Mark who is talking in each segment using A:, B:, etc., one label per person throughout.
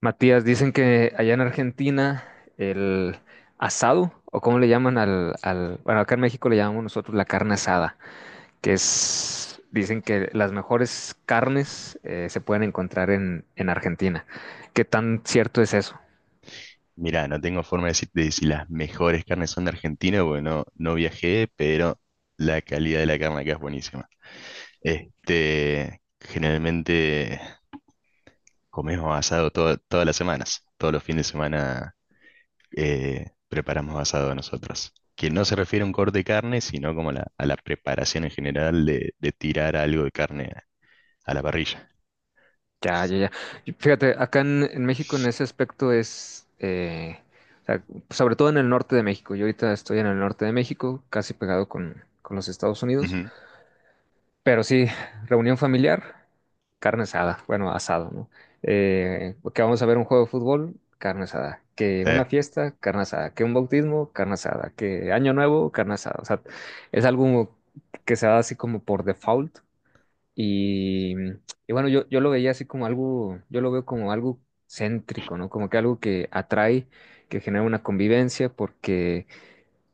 A: Matías, dicen que allá en Argentina el asado, o cómo le llaman bueno, acá en México le llamamos nosotros la carne asada, dicen que las mejores carnes se pueden encontrar en Argentina. ¿Qué tan cierto es eso?
B: Mirá, no tengo forma de decirte si las mejores carnes son de Argentina, porque no viajé, pero la calidad de la carne acá es buenísima. Generalmente comemos asado todas las semanas, todos los fines de semana, preparamos asado nosotros. Que no se refiere a un corte de carne, sino como a la preparación en general de tirar algo de carne a la parrilla.
A: Ya, ya, ya. Y fíjate, acá en México en ese aspecto es, o sea, sobre todo en el norte de México. Yo ahorita estoy en el norte de México, casi pegado con los Estados Unidos.
B: Ujú.
A: Pero sí, reunión familiar, carne asada, bueno, asado, ¿no? Que vamos a ver un juego de fútbol, carne asada. Que
B: Sí,
A: una fiesta, carne asada. Que un bautismo, carne asada. Que año nuevo, carne asada. O sea, es algo que se da así como por default. Y, y bueno, yo lo veía así como algo, yo lo veo como algo céntrico, ¿no? Como que algo que atrae, que genera una convivencia, porque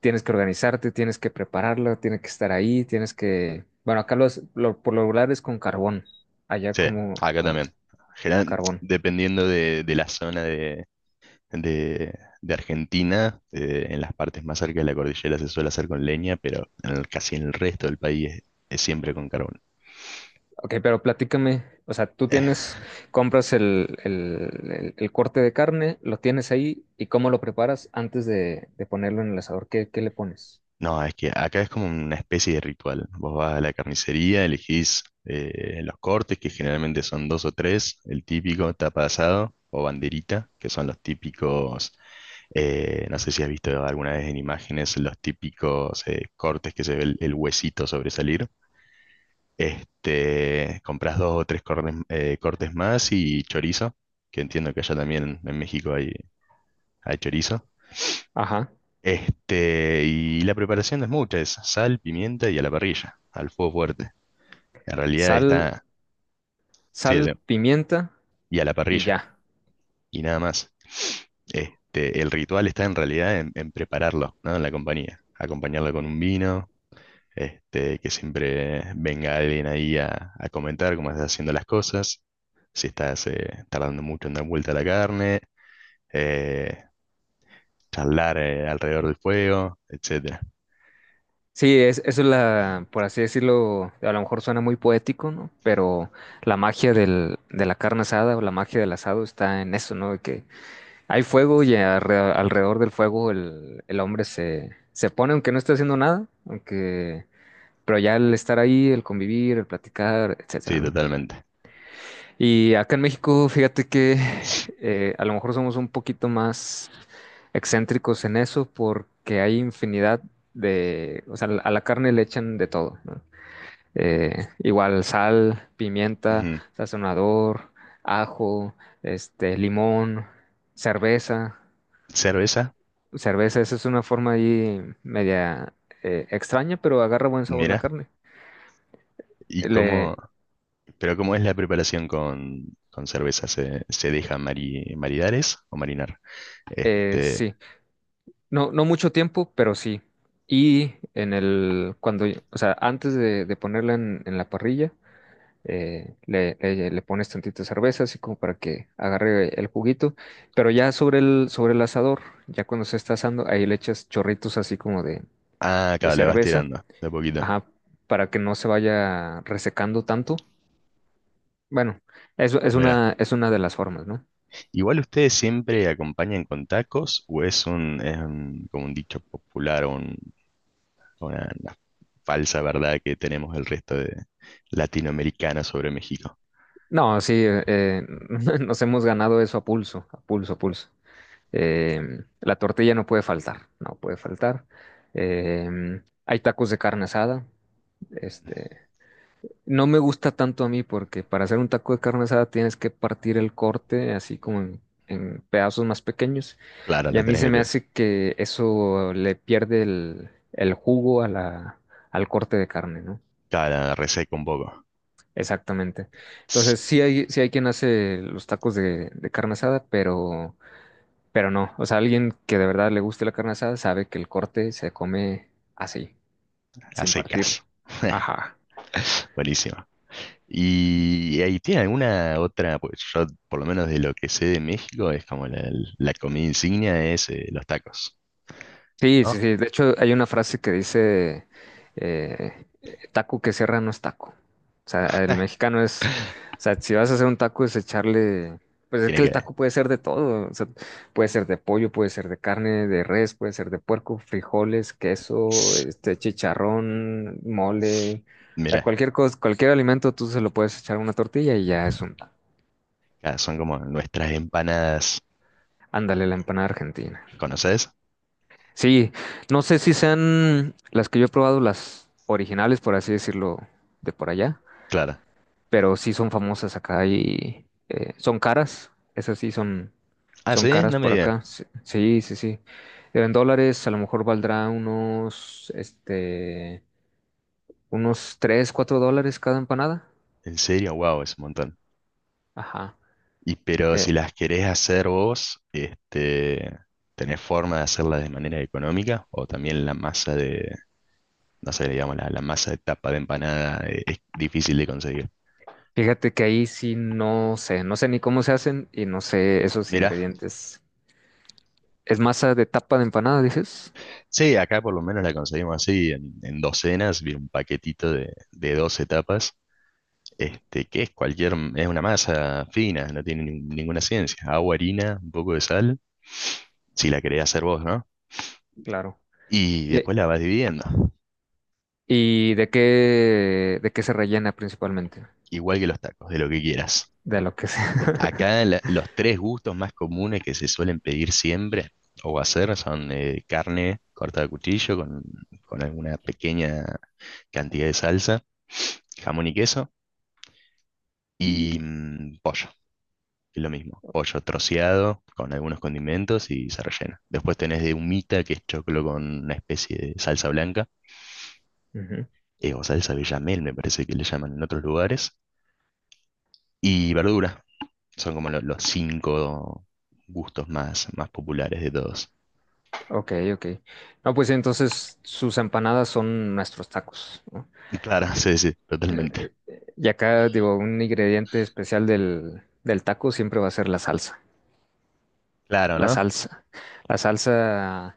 A: tienes que organizarte, tienes que prepararlo, tienes que estar ahí, tienes que... Bueno, acá por lo regular es con carbón, allá
B: sí, acá
A: como los...
B: también.
A: carbón.
B: Dependiendo de la zona de de Argentina, en las partes más cerca de la cordillera se suele hacer con leña, pero casi en el resto del país es siempre con carbón.
A: Ok, pero platícame, o sea, tú
B: Eh,
A: tienes, compras el corte de carne, lo tienes ahí y cómo lo preparas antes de ponerlo en el asador, ¿qué, qué le pones?
B: no, es que acá es como una especie de ritual. Vos vas a la carnicería, elegís los cortes, que generalmente son dos o tres, el típico tapa de asado o banderita, que son los típicos, no sé si has visto alguna vez en imágenes, los típicos cortes que se ve el huesito sobresalir. Compras dos o tres cortes, cortes más y chorizo, que entiendo que allá también en México hay, hay chorizo.
A: Ajá,
B: Y la preparación no es mucha, es sal, pimienta y a la parrilla, al fuego fuerte. En realidad
A: sal,
B: está, sí,
A: sal,
B: sí,
A: pimienta
B: y a la
A: y
B: parrilla,
A: ya.
B: y nada más. El ritual está en realidad en prepararlo, ¿no? En la compañía. Acompañarlo con un vino, que siempre venga alguien ahí a comentar cómo estás haciendo las cosas, si estás tardando mucho en dar vuelta a la carne, eh, charlar alrededor del fuego, etcétera.
A: Sí, eso es la, por así decirlo, a lo mejor suena muy poético, ¿no? Pero la magia del, de la carne asada o la magia del asado está en eso, ¿no? De que hay fuego y alrededor del fuego el hombre se pone, aunque no esté haciendo nada, aunque, pero ya el estar ahí, el convivir, el platicar, etcétera,
B: Sí,
A: ¿no?
B: totalmente.
A: Y acá en México, fíjate que a lo mejor somos un poquito más excéntricos en eso porque hay infinidad de, o sea, a la carne le echan de todo, ¿no? Igual sal, pimienta,
B: Ujú.
A: sazonador, ajo, este, limón, cerveza.
B: Cerveza,
A: Cerveza, esa es una forma ahí media extraña, pero agarra buen sabor la
B: mira,
A: carne.
B: y
A: Le,
B: cómo, pero cómo es la preparación con cerveza, ¿se, se deja maridar es? ¿O marinar? Este,
A: sí. No, no mucho tiempo, pero sí. Y en el, cuando, o sea, antes de ponerla en la parrilla, le pones tantita cerveza, así como para que agarre el juguito. Pero ya sobre el asador, ya cuando se está asando, ahí le echas chorritos así como
B: ah,
A: de
B: acá le vas
A: cerveza,
B: tirando, de a poquito.
A: ajá, para que no se vaya resecando tanto. Bueno,
B: Mira.
A: es una de las formas, ¿no?
B: Igual ustedes siempre acompañan con tacos, ¿o es un, como un dicho popular, una falsa verdad que tenemos el resto de latinoamericanos sobre México?
A: No, sí, nos hemos ganado eso a pulso, a pulso, a pulso. La tortilla no puede faltar, no puede faltar. Hay tacos de carne asada. Este, no me gusta tanto a mí porque para hacer un taco de carne asada tienes que partir el corte así como en pedazos más pequeños.
B: Claro,
A: Y
B: la
A: a mí
B: tenés
A: se
B: que
A: me
B: pegar.
A: hace que eso le pierde el jugo a la, al corte de carne, ¿no?
B: Claro, la reseca un poco.
A: Exactamente.
B: Tss,
A: Entonces, sí hay quien hace los tacos de carne asada, pero no, o sea, alguien que de verdad le guste la carne asada sabe que el corte se come así,
B: a
A: sin partirlo.
B: secas.
A: Ajá.
B: Buenísimo. ¿Y ahí tiene alguna otra? Pues yo, por lo menos de lo que sé de México, es como la comida insignia es los tacos,
A: Sí, sí,
B: ¿no?
A: sí. De hecho, hay una frase que dice, eh, taco que cierra no es taco. O sea, el mexicano es, o sea, si vas a hacer un taco es echarle, pues es
B: Tiene
A: que el
B: que...
A: taco puede ser de todo. O sea, puede ser de pollo, puede ser de carne, de res, puede ser de puerco, frijoles, queso, este, chicharrón, mole. O sea,
B: Mira,
A: cualquier cosa, cualquier alimento tú se lo puedes echar a una tortilla y ya es un taco.
B: son como nuestras empanadas.
A: Ándale, la empanada argentina.
B: ¿Conoces?
A: Sí, no sé si sean las que yo he probado, las originales, por así decirlo, de por allá,
B: Claro.
A: pero sí son famosas acá y son caras, esas sí son,
B: Ah,
A: son
B: sí,
A: caras
B: no me
A: por
B: digas.
A: acá. Sí, sí, sí, sí. En dólares a lo mejor valdrá unos, este, unos 3, 4 dólares cada empanada.
B: En serio, wow, es un montón.
A: Ajá.
B: Y pero si
A: Eh,
B: las querés hacer vos, ¿tenés forma de hacerlas de manera económica? O también la masa de, no sé, digamos, la masa de tapa de empanada, es difícil de conseguir.
A: Fíjate que ahí sí no sé, no sé ni cómo se hacen y no sé esos
B: Mira,
A: ingredientes. ¿Es masa de tapa de empanada, dices?
B: sí, acá por lo menos la conseguimos así, en docenas, vi un paquetito de 12 tapas, que es cualquier, es una masa fina, no tiene ninguna ciencia. Agua, harina, un poco de sal, si la querés hacer vos, ¿no?
A: Claro.
B: Y
A: Y-
B: después la vas dividiendo,
A: ¿Y de qué se rellena principalmente?
B: igual que los tacos, de lo que quieras.
A: De lo que sea.
B: Acá los tres gustos más comunes que se suelen pedir siempre o hacer son carne cortada a cuchillo con alguna pequeña cantidad de salsa, jamón y queso y mm, pollo, que es lo mismo. Pollo troceado con algunos condimentos y se rellena. Después tenés de humita, que es choclo con una especie de salsa blanca,
A: Ujú.
B: o salsa bechamel, me parece que le llaman en otros lugares, y verdura. Son como los cinco gustos más, más populares de todos.
A: Ok, ok. No, pues sí, entonces sus empanadas son nuestros tacos, ¿no?
B: Claro, sí, sí, totalmente.
A: Eh, y acá, digo, un ingrediente especial del, del taco siempre va a ser la salsa.
B: Claro,
A: La
B: ¿no?
A: salsa. La salsa,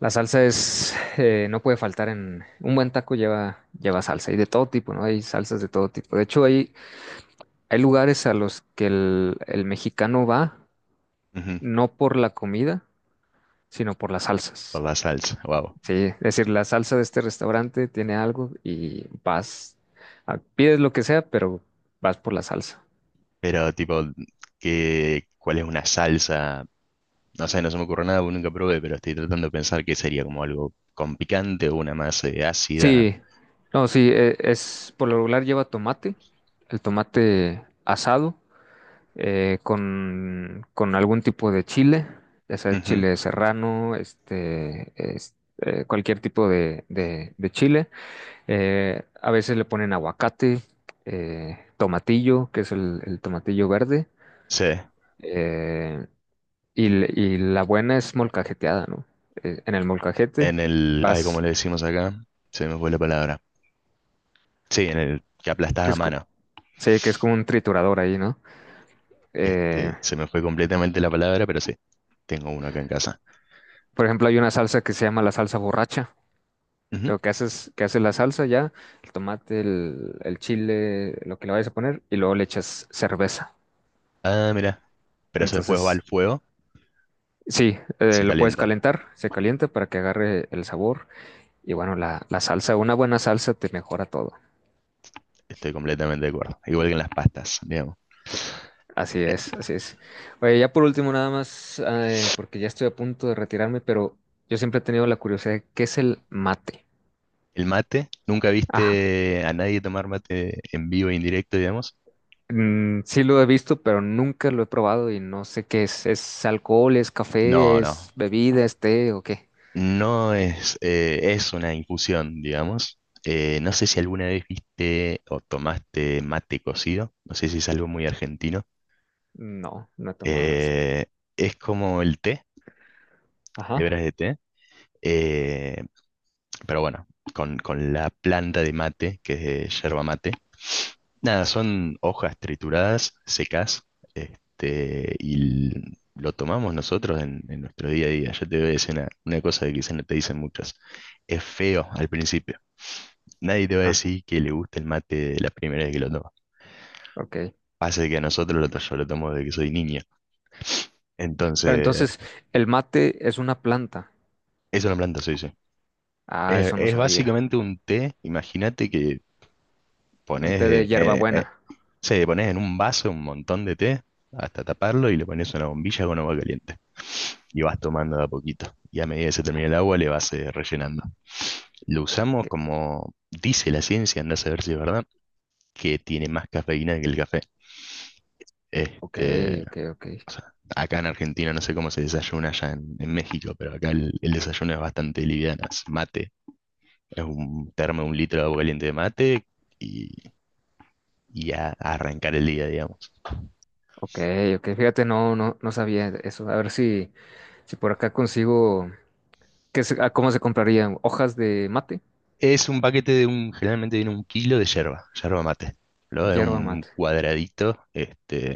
A: la salsa es, no puede faltar en, un buen taco lleva, lleva salsa y de todo tipo, ¿no? Hay salsas de todo tipo. De hecho, hay lugares a los que el mexicano va,
B: Ujú,
A: no por la comida, sino por las
B: por
A: salsas.
B: la salsa, wow.
A: Sí, es decir, la salsa de este restaurante tiene algo y vas, pides lo que sea, pero vas por la salsa.
B: Pero tipo, ¿qué, cuál es una salsa? No sé, no se me ocurre nada, porque nunca probé, pero estoy tratando de pensar que sería como algo con picante o una más ácida.
A: Sí, no, sí, e- es por lo regular lleva tomate, el tomate asado, con algún tipo de chile, ya sea
B: Ujú,
A: chile serrano, este, cualquier tipo de chile. A veces le ponen aguacate, tomatillo, que es el tomatillo verde.
B: sí,
A: Eh, y la buena es molcajeteada, ¿no? En el molcajete
B: en el, ay, como
A: vas,
B: le decimos acá, se me fue la palabra. Sí, en el que aplastás
A: que
B: a
A: es,
B: mano.
A: sí, que es como un triturador ahí, ¿no? Eh,
B: Se me fue completamente la palabra, pero sí, tengo uno acá en casa.
A: por ejemplo, hay una salsa que se llama la salsa borracha.
B: Ujú.
A: Lo que haces, que hace la salsa ya, el tomate, el chile, lo que le vayas a poner, y luego le echas cerveza.
B: Ah, mira. Pero eso después va al
A: Entonces,
B: fuego,
A: sí,
B: se
A: lo puedes
B: calienta.
A: calentar, se calienta para que agarre el sabor. Y bueno, la salsa, una buena salsa te mejora todo.
B: Estoy completamente de acuerdo. Igual que en las pastas, digamos.
A: Así es, así es. Oye, ya por último, nada más, porque ya estoy a punto de retirarme, pero yo siempre he tenido la curiosidad de qué es el mate.
B: El mate, ¿nunca
A: Ajá.
B: viste a nadie tomar mate en vivo e indirecto, digamos?
A: Mm, sí lo he visto, pero nunca lo he probado y no sé qué es. ¿Es alcohol, es
B: No,
A: café,
B: no.
A: es bebida, es té o qué?
B: No es, es una infusión, digamos. No sé si alguna vez viste o tomaste mate cocido. No sé si es algo muy argentino.
A: No, no he tomado eso.
B: Eh, es como el té,
A: Ajá.
B: hebras de té. eh, pero bueno, con la planta de mate, que es de yerba mate. Nada, son hojas trituradas, secas, y l- lo tomamos nosotros en nuestro día a día. Yo te voy a decir una cosa que quizás no te dicen muchas. Es feo al principio. Nadie te va a
A: Ah,
B: decir que le gusta el mate de la primera vez que lo toma.
A: ok.
B: Pasa que a nosotros yo lo tomo desde que soy niño.
A: Pero
B: Entonces,
A: entonces, el mate es una planta.
B: es una planta, sí, sí.
A: Ah, eso no
B: Es
A: sabía.
B: básicamente un té, imagínate que
A: ¿Un té de
B: pones,
A: hierbabuena?
B: sí, le pones en un vaso un montón de té hasta taparlo y le pones una bombilla con agua caliente. Y vas tomando de a poquito. Y a medida que se termine el agua, le vas rellenando. Lo usamos
A: Que-
B: como dice la ciencia, andás a ver si es verdad, que tiene más cafeína que el café.
A: Ok,
B: Este,
A: ok, ok.
B: o sea, acá en Argentina no sé cómo se desayuna allá en México, pero acá el desayuno es bastante liviano. Es mate, es un termo, de un litro de agua caliente de mate y, y a arrancar el día, digamos.
A: Ok, ok, fíjate, no, no, no sabía eso. A ver si, si por acá consigo, ¿cómo se comprarían? ¿Hojas de mate?
B: Es un paquete de un, generalmente viene un kilo de yerba, yerba mate. Lo de
A: Hierba
B: un
A: mate.
B: cuadradito,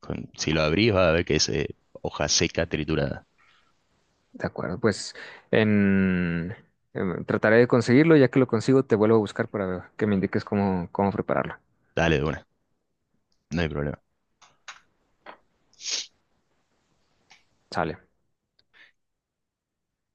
B: con- si lo abrís va a ver que es hoja seca triturada.
A: De acuerdo, pues en, em, trataré de conseguirlo, ya que lo consigo, te vuelvo a buscar para que me indiques cómo, cómo prepararlo.
B: Dale de una, no hay problema.
A: Sale.